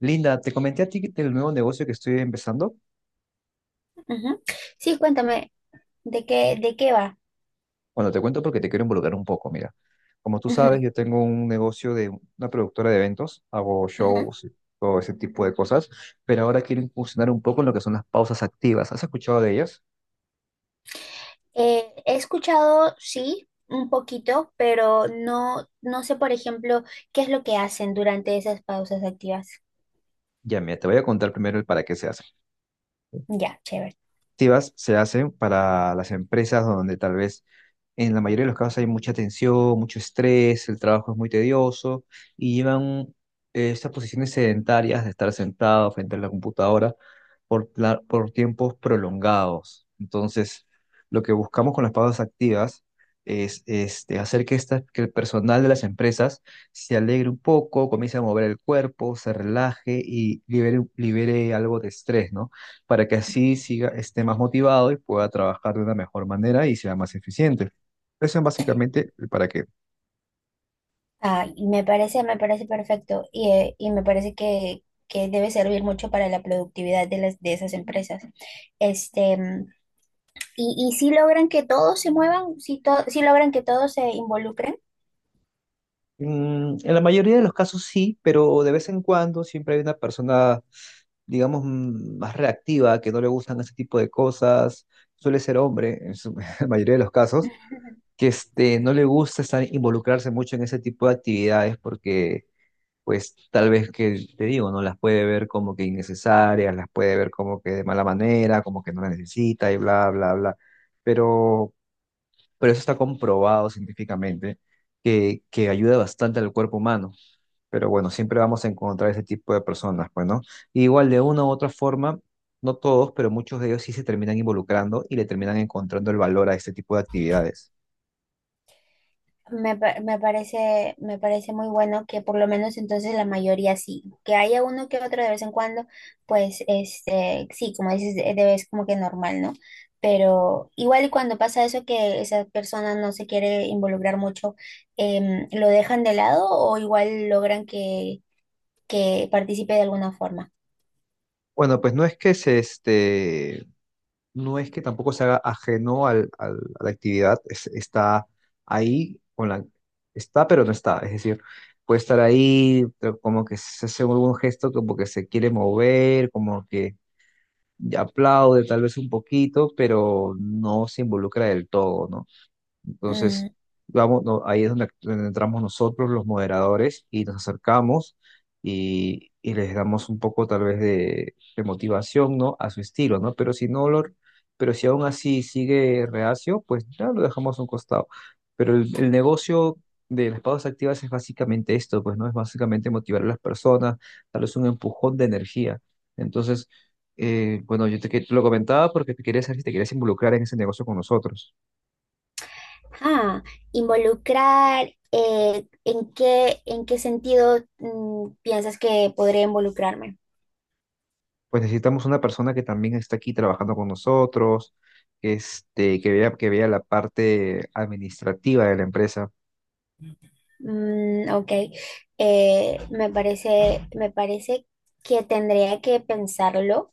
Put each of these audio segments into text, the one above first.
Linda, te comenté a ti del nuevo negocio que estoy empezando. Ujú. Sí, cuéntame, ¿de qué va? Bueno, te cuento porque te quiero involucrar un poco. Mira, como tú sabes, Ujú, yo tengo un negocio de una productora de eventos, hago ujú. shows y todo ese tipo de cosas, pero ahora quiero incursionar un poco en lo que son las pausas activas. ¿Has escuchado de ellas? He escuchado, sí, un poquito, pero no sé, por ejemplo, qué es lo que hacen durante esas pausas activas. Ya, mira, te voy a contar primero el para qué se hacen. Ya, chévere. Activas se hacen para las empresas donde tal vez en la mayoría de los casos hay mucha tensión, mucho estrés, el trabajo es muy tedioso y llevan estas posiciones sedentarias de estar sentado frente a la computadora por tiempos prolongados. Entonces, lo que buscamos con las pausas activas es este, hacer que, esta, que el personal de las empresas se alegre un poco, comience a mover el cuerpo, se relaje y libere algo de estrés, ¿no? Para que así siga, esté más motivado y pueda trabajar de una mejor manera y sea más eficiente. Eso es básicamente para qué. Ah, y me parece perfecto y me parece que debe servir mucho para la productividad de de esas empresas. Este, mm, y si logran que todos se muevan, si logran que todos se involucren. Mm, en la mayoría de los casos sí, pero de vez en cuando siempre hay una persona, digamos, más reactiva, que no le gustan ese tipo de cosas. Suele ser hombre en su- la mayoría de los casos, que este, no le gusta estar, involucrarse mucho en ese tipo de actividades porque pues tal vez que te digo, ¿no? Las puede ver como que innecesarias, las puede ver como que de mala manera, como que no la necesita y bla, bla, bla. Pero, pero eso está comprobado científicamente que ayuda bastante al cuerpo humano. Pero bueno, siempre vamos a encontrar ese tipo de personas, pues, ¿no? Y igual de una u otra forma, no todos, pero muchos de ellos sí se terminan involucrando y le terminan encontrando el valor a este tipo de actividades. Me parece muy bueno que por lo menos entonces la mayoría sí, que haya uno que otro de vez en cuando, pues sí, como dices, es como que normal, ¿no? Pero igual y cuando pasa eso que esa persona no se quiere involucrar mucho, ¿lo dejan de lado o igual logran que participe de alguna forma? Bueno, pues no es que se, este, no es que tampoco se haga ajeno al, a la actividad, es- está ahí, con la, está pero no está, es decir, puede estar ahí, pero como que se hace algún gesto, como que se quiere mover, como que aplaude tal vez un poquito, pero no se involucra del todo, ¿no? Entonces, Mm, vamos, no, ahí es donde, donde entramos nosotros, los moderadores, y nos acercamos y les damos un poco tal vez de motivación, ¿no? A su estilo, ¿no? Pero si no lo, pero si aún así sigue reacio, pues ya lo dejamos a un costado. Pero el negocio de las pausas activas es básicamente esto, pues, ¿no? Es básicamente motivar a las personas, darles un empujón de energía. Entonces, bueno, yo te, que- te lo comentaba porque te quería saber si te querías involucrar en ese negocio con nosotros. ah, involucrar, ¿en qué sentido, piensas que podría involucrarme? Pues necesitamos una persona que también esté aquí trabajando con nosotros, este, que vea la parte administrativa de la empresa. Mm, ok. Me parece que tendría que pensarlo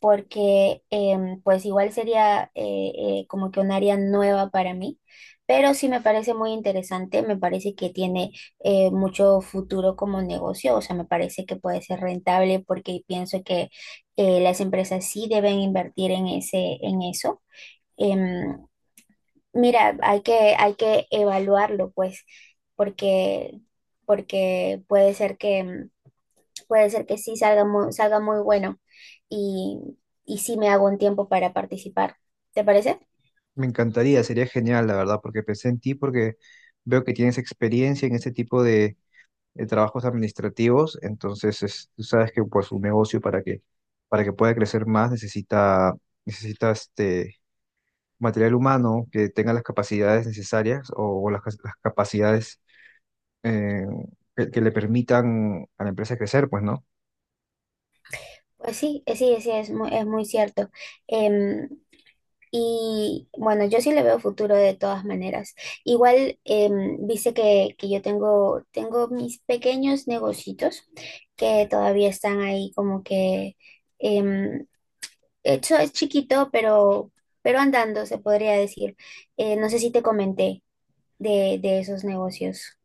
porque pues igual sería como que un área nueva para mí, pero sí me parece muy interesante, me parece que tiene mucho futuro como negocio, o sea, me parece que puede ser rentable porque pienso que las empresas sí deben invertir en en eso. Em, Mira, hay que evaluarlo, pues, porque, porque puede ser puede ser que sí salga muy bueno y, y sí me hago un tiempo para participar. ¿Te parece? Me encantaría, sería genial, la verdad, porque pensé en ti, porque veo que tienes experiencia en este tipo de trabajos administrativos, entonces es- tú sabes que pues un negocio para que pueda crecer más necesita, necesita este material humano que tenga las capacidades necesarias o las capacidades eh, que le permitan a la empresa crecer, pues, ¿no? Pues sí, sí, es muy cierto. Em, y bueno, yo sí le veo futuro de todas maneras. Igual, viste que yo tengo mis pequeños negocitos que todavía están ahí como que... em, Eso es chiquito, pero andando, se podría decir. No sé si te comenté de esos negocios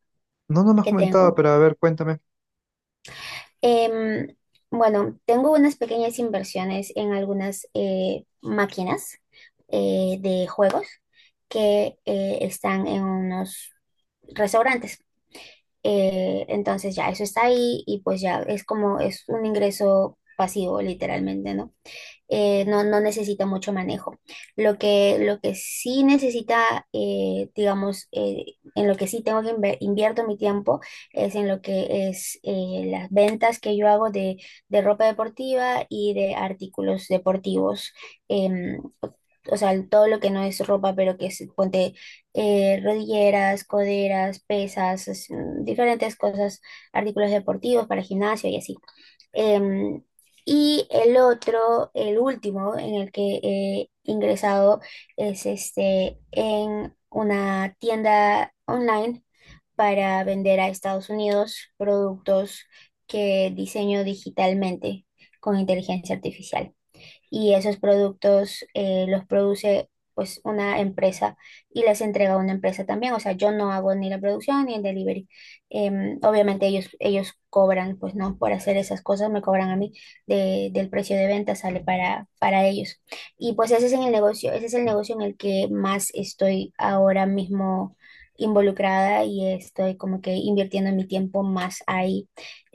No, no me has que comentado, tengo. pero a ver, cuéntame. Em, bueno, tengo unas pequeñas inversiones en algunas máquinas de juegos que están en unos restaurantes. Entonces ya eso está ahí y pues ya es un ingreso pasivo, literalmente, ¿no? No necesita mucho manejo. Lo que sí necesita, en lo que sí tengo que invierto mi tiempo es en lo que es las ventas que yo hago de ropa deportiva y de artículos deportivos. Em, o sea, todo lo que no es ropa, pero que es, ponte, rodilleras, coderas, pesas, diferentes cosas, artículos deportivos para gimnasio y así. Em, y el otro, el último en el que he ingresado es en una tienda online para vender a Estados Unidos productos que diseño digitalmente con inteligencia artificial y esos productos los produce pues una empresa y les entrega a una empresa también. O sea, yo no hago ni la producción ni el delivery. Obviamente ellos cobran, pues no, por hacer esas cosas me cobran a mí del precio de venta, sale para ellos. Y pues ese es el negocio en el que más estoy ahora mismo involucrada y estoy como que invirtiendo mi tiempo más ahí.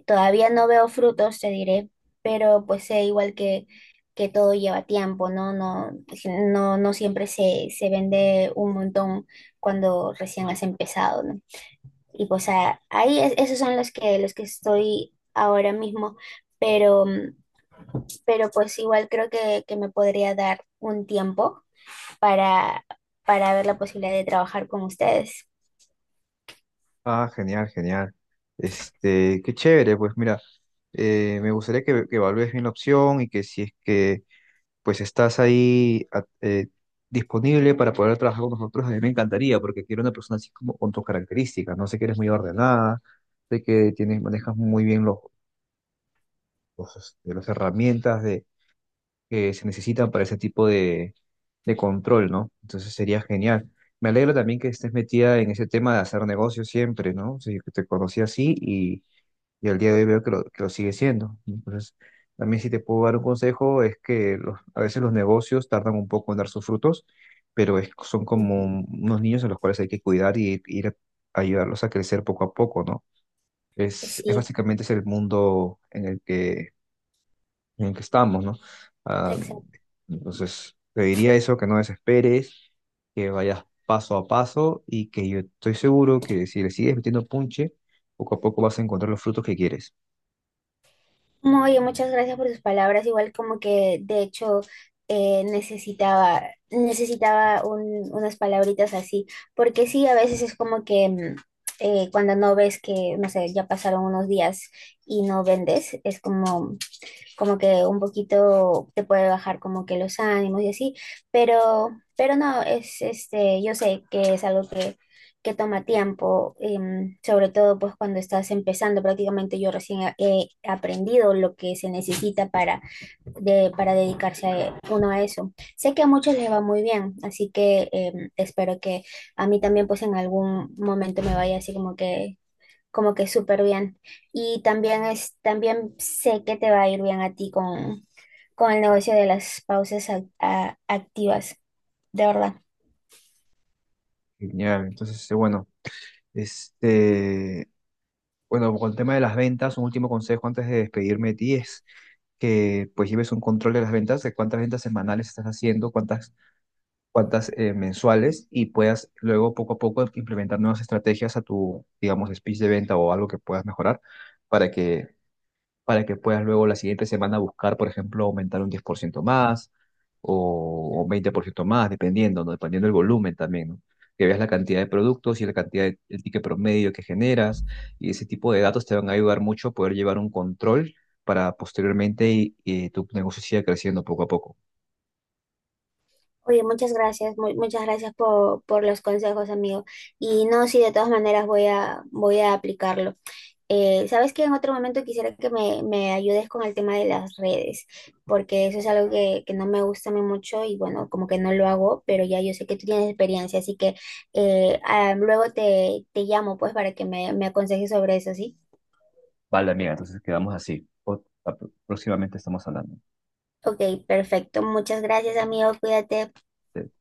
Todavía no veo frutos, te diré, pero pues sé igual que todo lleva tiempo, ¿no? No, pues, no siempre se vende un montón cuando recién has empezado, ¿no? Y pues esos son los que estoy ahora mismo, pero, pero pues igual creo que me podría dar un tiempo para, para ver la posibilidad de trabajar con ustedes. Ah, genial, genial. Este, qué chévere, pues mira, me gustaría que evalúes bien la opción y que si es que pues estás ahí disponible para poder trabajar con nosotros, a mí me encantaría, porque quiero una persona así como con tus características, no sé que eres muy ordenada, sé que tienes, manejas muy bien los, este, las herramientas que se necesitan para ese tipo de control, ¿no? Entonces sería genial. Me alegro también que estés metida en ese tema de hacer negocios siempre, ¿no? O sea, yo que te conocí así y al día de hoy veo que lo sigue siendo. Entonces, también si te puedo dar un consejo es que los- a veces los negocios tardan un poco en dar sus frutos, pero es- son Ujú. como unos niños a los cuales hay que cuidar y ir a ayudarlos a crecer poco a poco, ¿no? Es Sí, básicamente es el mundo en el que estamos, ¿no? Ah, exacto. entonces, te diría eso, que no desesperes, que vayas paso a paso y que yo estoy seguro que si le sigues metiendo punche, poco a poco vas a encontrar los frutos que quieres. No, oye, muchas gracias por sus palabras. Igual como que de hecho eh, necesitaba, necesitaba unas palabritas así, porque sí, a veces es como que cuando no ves que, no sé, ya pasaron unos días y no vendes, es como que un poquito te puede bajar como que los ánimos y así, pero, pero no, yo sé que es algo que toma tiempo, sobre todo pues cuando estás empezando, prácticamente yo recién he aprendido lo que se necesita para dedicarse uno a eso. Sé que a muchos les va muy bien, así que espero que a mí también pues en algún momento me vaya así como que súper bien. Y también también sé que te va a ir bien a ti con el negocio de las pausas activas, de verdad. Genial, entonces, este, bueno, con el tema de las ventas, un último consejo antes de despedirme de ti es que pues lleves un control de las ventas, de cuántas ventas semanales estás haciendo, cuántas cuantas mensuales y puedas luego poco a poco implementar nuevas estrategias a tu, digamos, speech de venta o algo que puedas mejorar para que, para que puedas luego la siguiente semana buscar, por ejemplo, aumentar un 10% más o un 20% más, dependiendo, ¿no? Dependiendo del volumen también, ¿no? Que veas la cantidad de productos y la cantidad de, el ticket promedio que generas y ese tipo de datos te van a ayudar mucho a poder llevar un control para posteriormente y tu negocio siga creciendo poco a poco. Oye, muchas gracias, muchas gracias por los consejos, amigo. Y no, sí, de todas maneras voy a aplicarlo. Sabes que en otro momento quisiera que me ayudes con el tema de las redes, porque eso es algo que no me gusta a mí mucho y bueno, como que no lo hago, pero ya yo sé que tú tienes experiencia, así que luego te llamo pues para que me aconsejes sobre eso, ¿sí? Vale, amiga, entonces quedamos así. Po- Próximamente estamos hablando. Ok, perfecto. Muchas gracias, amigo. Cuídate. Te-